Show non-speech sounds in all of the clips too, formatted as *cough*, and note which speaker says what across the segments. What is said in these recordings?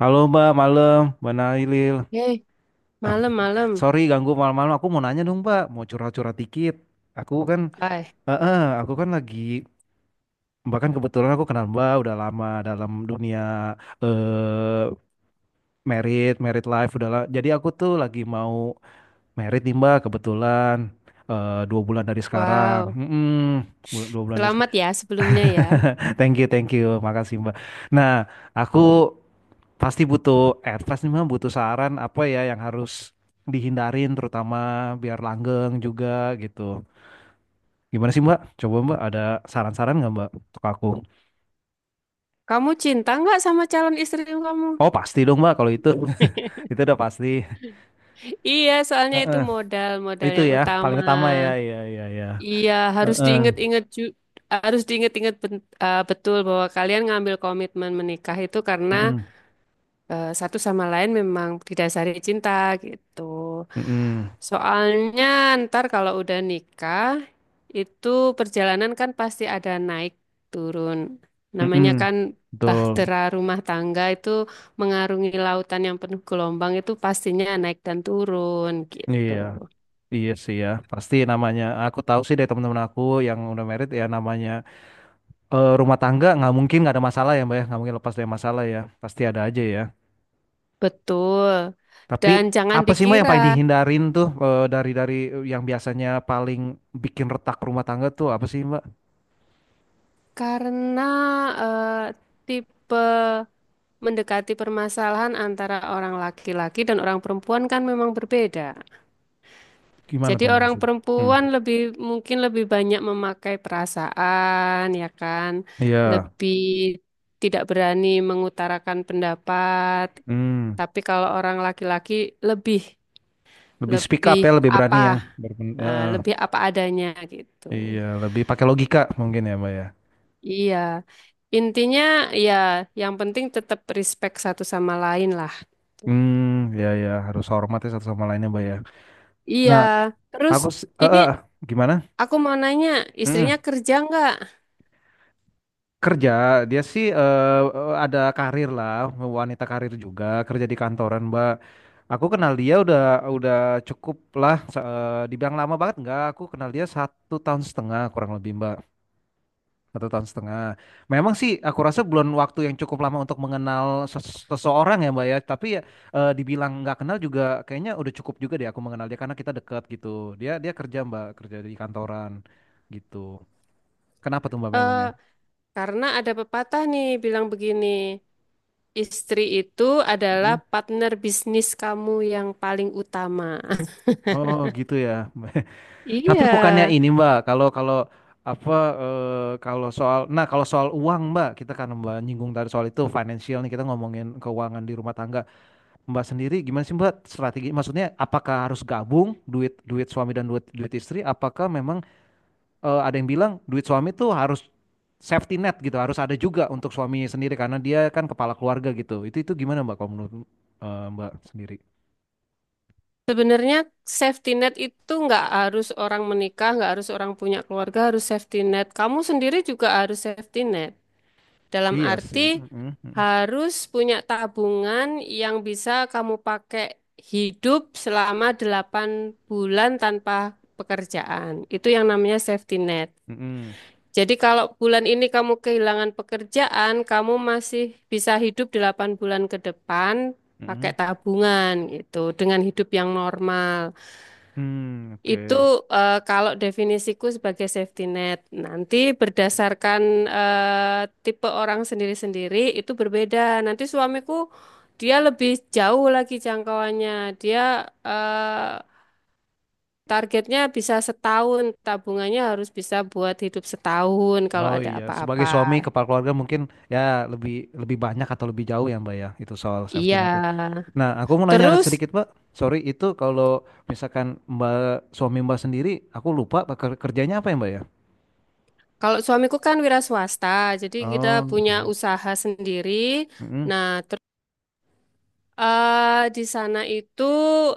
Speaker 1: Halo Mbak, malam, Mbak Nailil.
Speaker 2: Hei,
Speaker 1: *laughs*
Speaker 2: malam-malam.
Speaker 1: Sorry ganggu malam-malam. Aku mau nanya dong Mbak, mau curhat-curhat dikit. Aku kan,
Speaker 2: Ay,
Speaker 1: aku kan lagi, bahkan kebetulan aku kenal Mbak udah lama dalam dunia eh merit life udah. Jadi aku tuh lagi mau merit nih Mbak, kebetulan dua bulan dari sekarang.
Speaker 2: wow.
Speaker 1: Mm-mm, dua bulan dari
Speaker 2: Selamat
Speaker 1: sekarang.
Speaker 2: ya sebelumnya ya.
Speaker 1: *laughs* Thank you, makasih Mbak. Nah, aku pasti butuh advice nih Mam, butuh saran apa ya yang harus dihindarin terutama biar langgeng juga gitu. Gimana sih Mbak? Coba Mbak ada saran-saran nggak Mbak untuk aku?
Speaker 2: Kamu cinta nggak sama calon istri kamu?
Speaker 1: Oh pasti dong Mbak kalau itu, *laughs*
Speaker 2: *laughs*
Speaker 1: itu udah pasti.
Speaker 2: Iya, soalnya itu
Speaker 1: Heeh.
Speaker 2: modal, modal
Speaker 1: Itu
Speaker 2: yang
Speaker 1: ya paling
Speaker 2: utama.
Speaker 1: utama ya, iya iya iya.
Speaker 2: Iya, harus
Speaker 1: Heeh.
Speaker 2: diingat-ingat ju- harus diingat-ingat betul bahwa kalian ngambil komitmen menikah itu karena
Speaker 1: Mm-mm.
Speaker 2: satu sama lain memang didasari cinta gitu.
Speaker 1: Mm-mm.
Speaker 2: Soalnya ntar kalau udah nikah itu perjalanan kan pasti ada naik turun. Namanya
Speaker 1: Mm-mm.
Speaker 2: kan
Speaker 1: Betul.
Speaker 2: bahtera rumah tangga itu mengarungi lautan yang penuh gelombang itu pastinya naik dan turun gitu.
Speaker 1: Iya, iya sih ya. Pasti namanya. Aku tahu sih dari teman-teman aku yang udah merit ya namanya rumah tangga nggak mungkin nggak ada masalah ya mbak ya nggak mungkin lepas dari masalah ya pasti ada aja ya
Speaker 2: Betul.
Speaker 1: tapi
Speaker 2: Dan jangan
Speaker 1: apa sih mbak yang
Speaker 2: dikira
Speaker 1: paling dihindarin tuh dari yang biasanya paling bikin retak rumah tangga tuh apa sih mbak
Speaker 2: karena eh, tipe mendekati permasalahan antara orang laki-laki dan orang perempuan kan memang berbeda.
Speaker 1: gimana
Speaker 2: Jadi
Speaker 1: tuh
Speaker 2: orang
Speaker 1: maksudnya. Hmm.
Speaker 2: perempuan lebih mungkin lebih banyak memakai perasaan, ya kan?
Speaker 1: Iya.
Speaker 2: Lebih tidak berani mengutarakan pendapat.
Speaker 1: Hmm.
Speaker 2: Tapi kalau orang laki-laki lebih
Speaker 1: Lebih speak up
Speaker 2: lebih
Speaker 1: ya lebih berani
Speaker 2: apa?
Speaker 1: ya. Ya,
Speaker 2: Lebih apa adanya gitu.
Speaker 1: iya lebih pakai logika mungkin ya mbak ya.
Speaker 2: Iya. Intinya ya yang penting tetap respect satu sama lain lah.
Speaker 1: Hmm, ya ya harus hormat ya satu sama lainnya mbak ya.
Speaker 2: Iya.
Speaker 1: Nah
Speaker 2: Terus
Speaker 1: aku
Speaker 2: ini,
Speaker 1: gimana.
Speaker 2: aku mau nanya, istrinya
Speaker 1: Mm.
Speaker 2: kerja nggak?
Speaker 1: Kerja, dia sih ada karir lah, wanita karir juga, kerja di kantoran, Mbak. Aku kenal dia udah cukup lah, dibilang lama banget enggak, aku kenal dia satu tahun setengah kurang lebih, Mbak. Satu tahun setengah. Memang sih aku rasa belum waktu yang cukup lama untuk mengenal seseorang ya, Mbak ya. Tapi ya dibilang nggak kenal juga kayaknya udah cukup juga deh aku mengenal dia karena kita dekat gitu. Dia dia kerja, Mbak, kerja di kantoran gitu. Kenapa tuh, Mbak
Speaker 2: Eh,
Speaker 1: memangnya?
Speaker 2: karena ada pepatah nih bilang begini, istri itu
Speaker 1: Mm.
Speaker 2: adalah partner bisnis kamu yang paling utama. *laughs*
Speaker 1: Oh gitu ya. Tapi
Speaker 2: Iya,
Speaker 1: bukannya ini Mbak, kalau kalau apa kalau soal nah kalau soal uang Mbak, kita kan Mbak nyinggung tadi soal itu financial nih kita ngomongin keuangan di rumah tangga. Mbak sendiri gimana sih Mbak strategi? Maksudnya apakah harus gabung duit duit suami dan duit duit istri? Apakah memang ada yang bilang duit suami tuh harus safety net gitu, harus ada juga untuk suami sendiri karena dia kan kepala keluarga gitu. Itu gimana Mbak kalau menurut Mbak sendiri?
Speaker 2: sebenarnya safety net itu nggak harus orang menikah, nggak harus orang punya keluarga, harus safety net. Kamu sendiri juga harus safety net. Dalam
Speaker 1: Iya sih.
Speaker 2: arti
Speaker 1: Mm-mm, mm-mm,
Speaker 2: harus punya tabungan yang bisa kamu pakai hidup selama 8 bulan tanpa pekerjaan. Itu yang namanya safety net.
Speaker 1: mm-mm,
Speaker 2: Jadi kalau bulan ini kamu kehilangan pekerjaan, kamu masih bisa hidup 8 bulan ke depan pakai
Speaker 1: mm-mm.
Speaker 2: tabungan gitu dengan hidup yang normal.
Speaker 1: Hmm,
Speaker 2: Itu
Speaker 1: oke.
Speaker 2: kalau definisiku sebagai safety net. Nanti berdasarkan tipe orang sendiri-sendiri itu berbeda. Nanti suamiku dia lebih jauh lagi jangkauannya. Dia eh, targetnya bisa setahun, tabungannya harus bisa buat hidup setahun kalau
Speaker 1: Oh
Speaker 2: ada
Speaker 1: iya,
Speaker 2: apa-apa.
Speaker 1: sebagai suami kepala keluarga mungkin ya lebih lebih banyak atau lebih jauh ya Mbak ya itu soal safety
Speaker 2: Iya.
Speaker 1: net ya. Nah, aku mau nanya
Speaker 2: Terus
Speaker 1: sedikit Mbak. Sorry itu kalau misalkan Mbak suami Mbak sendiri, aku lupa Pak, kerjanya apa ya Mbak ya?
Speaker 2: kalau suamiku kan wira swasta, jadi kita
Speaker 1: Oh,
Speaker 2: punya
Speaker 1: oke.
Speaker 2: usaha sendiri.
Speaker 1: Mm-mm.
Speaker 2: Nah, di sana itu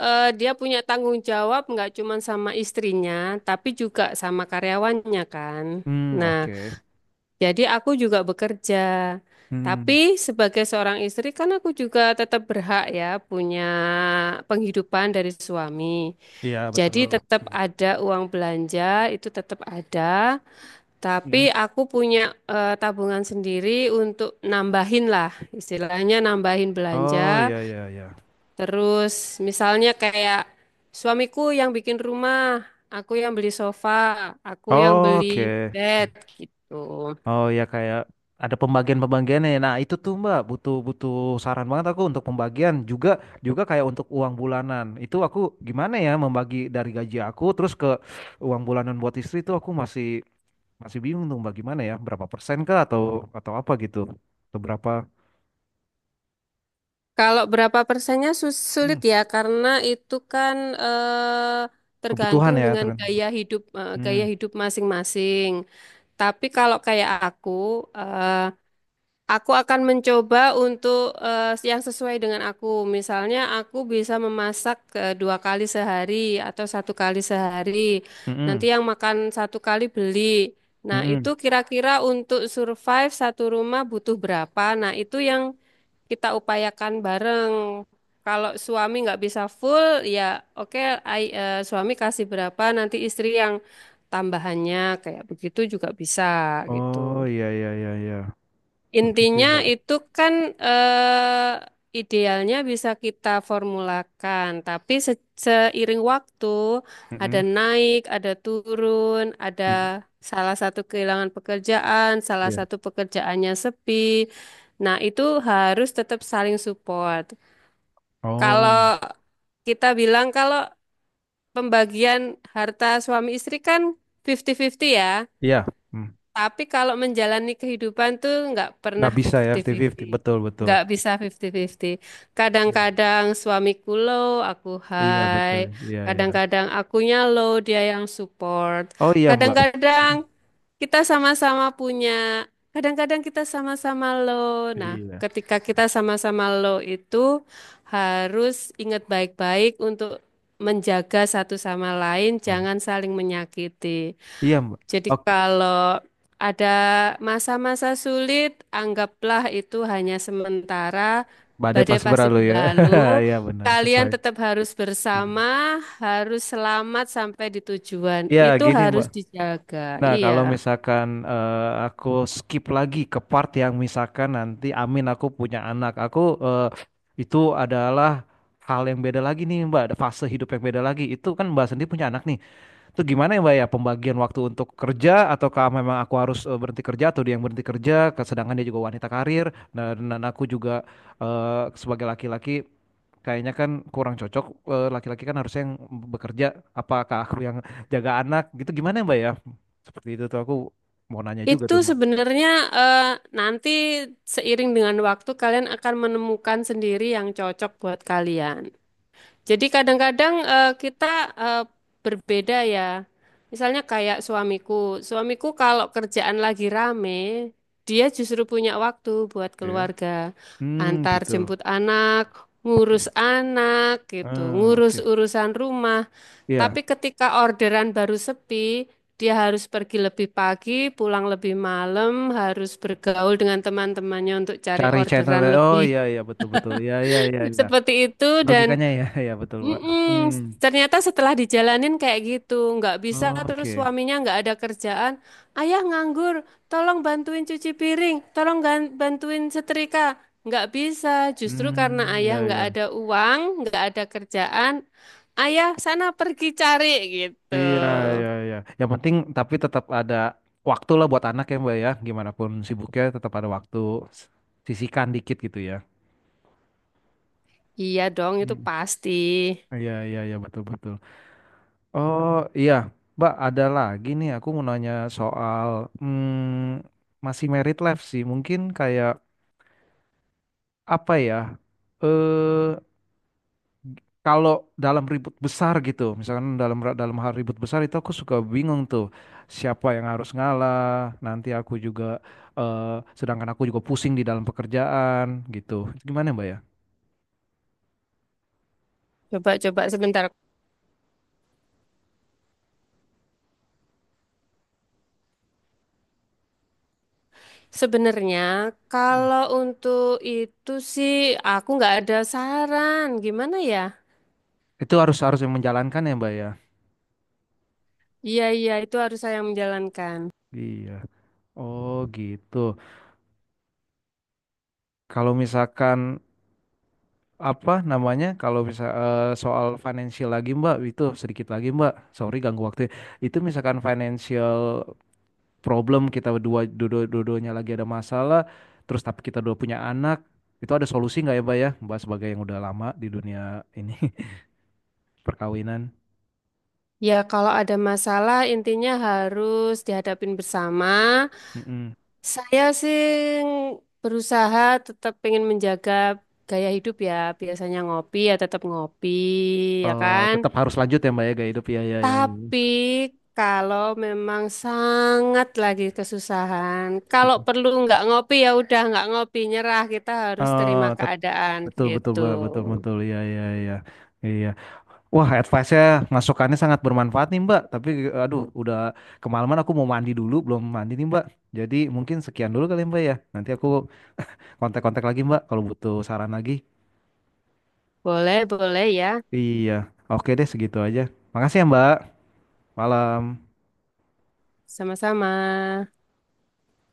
Speaker 2: dia punya tanggung jawab nggak cuma sama istrinya, tapi juga sama karyawannya kan.
Speaker 1: Hmm,
Speaker 2: Nah,
Speaker 1: oke.
Speaker 2: jadi aku juga bekerja. Tapi
Speaker 1: Hmm,
Speaker 2: sebagai seorang istri kan aku juga tetap berhak ya punya penghidupan dari suami.
Speaker 1: iya
Speaker 2: Jadi
Speaker 1: betul.
Speaker 2: tetap ada uang belanja, itu tetap ada. Tapi
Speaker 1: Mm.
Speaker 2: aku punya tabungan sendiri untuk nambahin lah, istilahnya nambahin
Speaker 1: Oh
Speaker 2: belanja.
Speaker 1: iya iya iya.
Speaker 2: Terus misalnya kayak suamiku yang bikin rumah, aku yang beli sofa, aku yang
Speaker 1: Oh,
Speaker 2: beli
Speaker 1: oke.
Speaker 2: bed gitu.
Speaker 1: Oh ya kayak ada pembagian-pembagiannya ya. Nah itu tuh Mbak butuh butuh saran banget aku untuk pembagian juga juga kayak untuk uang bulanan. Itu aku gimana ya membagi dari gaji aku terus ke uang bulanan buat istri itu aku masih masih bingung tuh Mbak gimana ya berapa persen kah atau apa gitu atau berapa.
Speaker 2: Kalau berapa persennya
Speaker 1: Hmm,
Speaker 2: sulit ya karena itu kan eh,
Speaker 1: kebutuhan
Speaker 2: tergantung
Speaker 1: ya
Speaker 2: dengan
Speaker 1: terus.
Speaker 2: gaya hidup
Speaker 1: Hmm,
Speaker 2: gaya hidup masing-masing. Tapi kalau kayak aku, eh, aku akan mencoba untuk yang sesuai dengan aku. Misalnya aku bisa memasak dua kali sehari atau satu kali sehari. Nanti
Speaker 1: mm-mm,
Speaker 2: yang makan satu kali beli. Nah, itu
Speaker 1: mm-mm.
Speaker 2: kira-kira untuk survive satu rumah butuh berapa? Nah, itu yang kita upayakan bareng. Kalau suami nggak bisa full, ya oke, suami kasih berapa, nanti istri yang tambahannya kayak begitu juga bisa
Speaker 1: Oh
Speaker 2: gitu.
Speaker 1: iya iya iya iya. Begitu ya
Speaker 2: Intinya
Speaker 1: Mbak.
Speaker 2: itu kan idealnya bisa kita formulakan, tapi seiring waktu ada
Speaker 1: Mm-mm,
Speaker 2: naik, ada turun, ada
Speaker 1: mm,
Speaker 2: salah satu kehilangan pekerjaan, salah
Speaker 1: iya.
Speaker 2: satu pekerjaannya sepi. Nah, itu harus tetap saling support. Kalau
Speaker 1: Oh
Speaker 2: kita bilang kalau pembagian harta suami istri kan 50-50 ya.
Speaker 1: iya. Hmm.
Speaker 2: Tapi kalau menjalani kehidupan tuh nggak
Speaker 1: Nggak
Speaker 2: pernah
Speaker 1: bisa ya 50-50
Speaker 2: 50-50.
Speaker 1: betul betul.
Speaker 2: Nggak bisa 50-50.
Speaker 1: Iya.
Speaker 2: Kadang-kadang suamiku low, aku
Speaker 1: Iya
Speaker 2: high.
Speaker 1: betul. Iya iya.
Speaker 2: Kadang-kadang akunya low, dia yang support.
Speaker 1: Oh iya Mbak.
Speaker 2: Kadang-kadang kita sama-sama punya. Kadang-kadang kita sama-sama low. Nah,
Speaker 1: Iya.
Speaker 2: ketika kita sama-sama low itu harus ingat baik-baik untuk menjaga satu sama lain,
Speaker 1: Iya,
Speaker 2: jangan saling menyakiti.
Speaker 1: iya, Mbak.
Speaker 2: Jadi
Speaker 1: Oke.
Speaker 2: kalau ada masa-masa sulit, anggaplah itu hanya sementara.
Speaker 1: Mbak badai
Speaker 2: Badai
Speaker 1: pas
Speaker 2: pasti
Speaker 1: berlalu ya.
Speaker 2: berlalu.
Speaker 1: *laughs* Iya benar
Speaker 2: Kalian
Speaker 1: sesuai.
Speaker 2: tetap harus
Speaker 1: Iya.
Speaker 2: bersama, harus selamat sampai di tujuan.
Speaker 1: Iya,
Speaker 2: Itu
Speaker 1: gini
Speaker 2: harus
Speaker 1: Mbak.
Speaker 2: dijaga.
Speaker 1: Nah kalau
Speaker 2: Iya.
Speaker 1: misalkan aku skip lagi ke part yang misalkan nanti Amin aku punya anak. Aku eh, itu adalah hal yang beda lagi nih Mbak. Ada fase hidup yang beda lagi. Itu kan Mbak sendiri punya anak nih. Itu gimana ya Mbak ya pembagian waktu untuk kerja ataukah memang aku harus berhenti kerja atau dia yang berhenti kerja sedangkan dia juga wanita karir dan aku juga eh, sebagai laki-laki kayaknya kan kurang cocok. Eh, laki-laki kan harusnya yang bekerja apakah aku yang jaga anak gitu gimana ya Mbak ya seperti itu tuh aku mau nanya juga
Speaker 2: Itu
Speaker 1: tuh Mbak.
Speaker 2: sebenarnya eh, nanti seiring dengan waktu kalian akan menemukan sendiri yang cocok buat kalian. Jadi kadang-kadang kita eh, berbeda ya. Misalnya kayak suamiku. Suamiku kalau kerjaan lagi rame, dia justru punya waktu buat
Speaker 1: Iya.
Speaker 2: keluarga.
Speaker 1: Hmm,
Speaker 2: Antar
Speaker 1: gitu,
Speaker 2: jemput anak, ngurus
Speaker 1: oke,
Speaker 2: anak gitu,
Speaker 1: ah
Speaker 2: ngurus
Speaker 1: oke.
Speaker 2: urusan rumah.
Speaker 1: Iya
Speaker 2: Tapi ketika orderan baru sepi, dia harus pergi lebih pagi, pulang lebih malam, harus bergaul dengan teman-temannya untuk cari
Speaker 1: cari channel ya.
Speaker 2: orderan
Speaker 1: Oh
Speaker 2: lebih.
Speaker 1: iya iya betul betul iya iya iya
Speaker 2: *laughs*
Speaker 1: iya
Speaker 2: Seperti itu dan
Speaker 1: logikanya ya *laughs* iya betul pak.
Speaker 2: mm-mm.
Speaker 1: Hmm,
Speaker 2: Ternyata setelah dijalanin kayak gitu, nggak bisa terus
Speaker 1: oke.
Speaker 2: suaminya nggak ada kerjaan. Ayah nganggur, tolong bantuin cuci piring, tolong bantuin setrika. Nggak bisa, justru karena
Speaker 1: Hmm,
Speaker 2: ayah
Speaker 1: ya
Speaker 2: nggak
Speaker 1: ya,
Speaker 2: ada uang, nggak ada kerjaan, ayah sana pergi cari gitu.
Speaker 1: iya iya iya Yang penting tapi tetap ada waktu lah buat anak ya Mbak ya. Gimana pun sibuknya tetap ada waktu. Sisihkan dikit gitu ya.
Speaker 2: Iya dong, itu
Speaker 1: Hmm.
Speaker 2: pasti.
Speaker 1: Iya iya iya betul betul. Oh iya Mbak ada lagi nih aku mau nanya soal hmm, masih married life sih. Mungkin kayak apa ya? Eh kalau dalam ribut besar gitu, misalkan dalam dalam hal ribut besar itu aku suka bingung tuh siapa yang harus ngalah. Nanti aku juga sedangkan aku juga pusing di dalam pekerjaan gitu. Gimana Mbak ya?
Speaker 2: Coba-coba sebentar. Sebenarnya kalau untuk itu sih aku nggak ada saran, gimana ya?
Speaker 1: Itu harus harus yang menjalankan ya Mbak ya.
Speaker 2: Iya, iya, itu harus saya yang menjalankan.
Speaker 1: Iya. Oh gitu. Kalau misalkan apa namanya? Kalau bisa soal financial lagi Mbak, itu sedikit lagi Mbak. Sorry ganggu waktu ya. Itu misalkan financial problem kita dua dua-duanya lagi ada masalah terus tapi kita dua punya anak itu ada solusi nggak ya Pak ya Mbak sebagai yang udah lama di dunia ini *laughs* perkawinan.
Speaker 2: Ya, kalau ada masalah intinya harus dihadapin bersama.
Speaker 1: Mm-mm.
Speaker 2: Saya sih berusaha tetap pengen menjaga gaya hidup ya. Biasanya ngopi ya tetap ngopi, ya
Speaker 1: Eh,
Speaker 2: kan?
Speaker 1: tetap harus lanjut ya Mbak ya gaya hidup ya ya ya ya. Mm-mm.
Speaker 2: Tapi kalau memang sangat lagi kesusahan, kalau perlu nggak ngopi ya udah nggak ngopi, nyerah. Kita harus
Speaker 1: Eh,
Speaker 2: terima
Speaker 1: tet-
Speaker 2: keadaan
Speaker 1: betul betul
Speaker 2: gitu.
Speaker 1: Mbak betul betul ya ya ya iya wah advice-nya masukannya sangat bermanfaat nih Mbak tapi aduh udah kemalaman aku mau mandi dulu belum mandi nih Mbak jadi mungkin sekian dulu kali ya, Mbak ya nanti aku kontak-kontak lagi Mbak kalau butuh saran lagi.
Speaker 2: Boleh, boleh ya.
Speaker 1: Iya, oke deh segitu aja. Makasih ya Mbak. Malam.
Speaker 2: Sama-sama.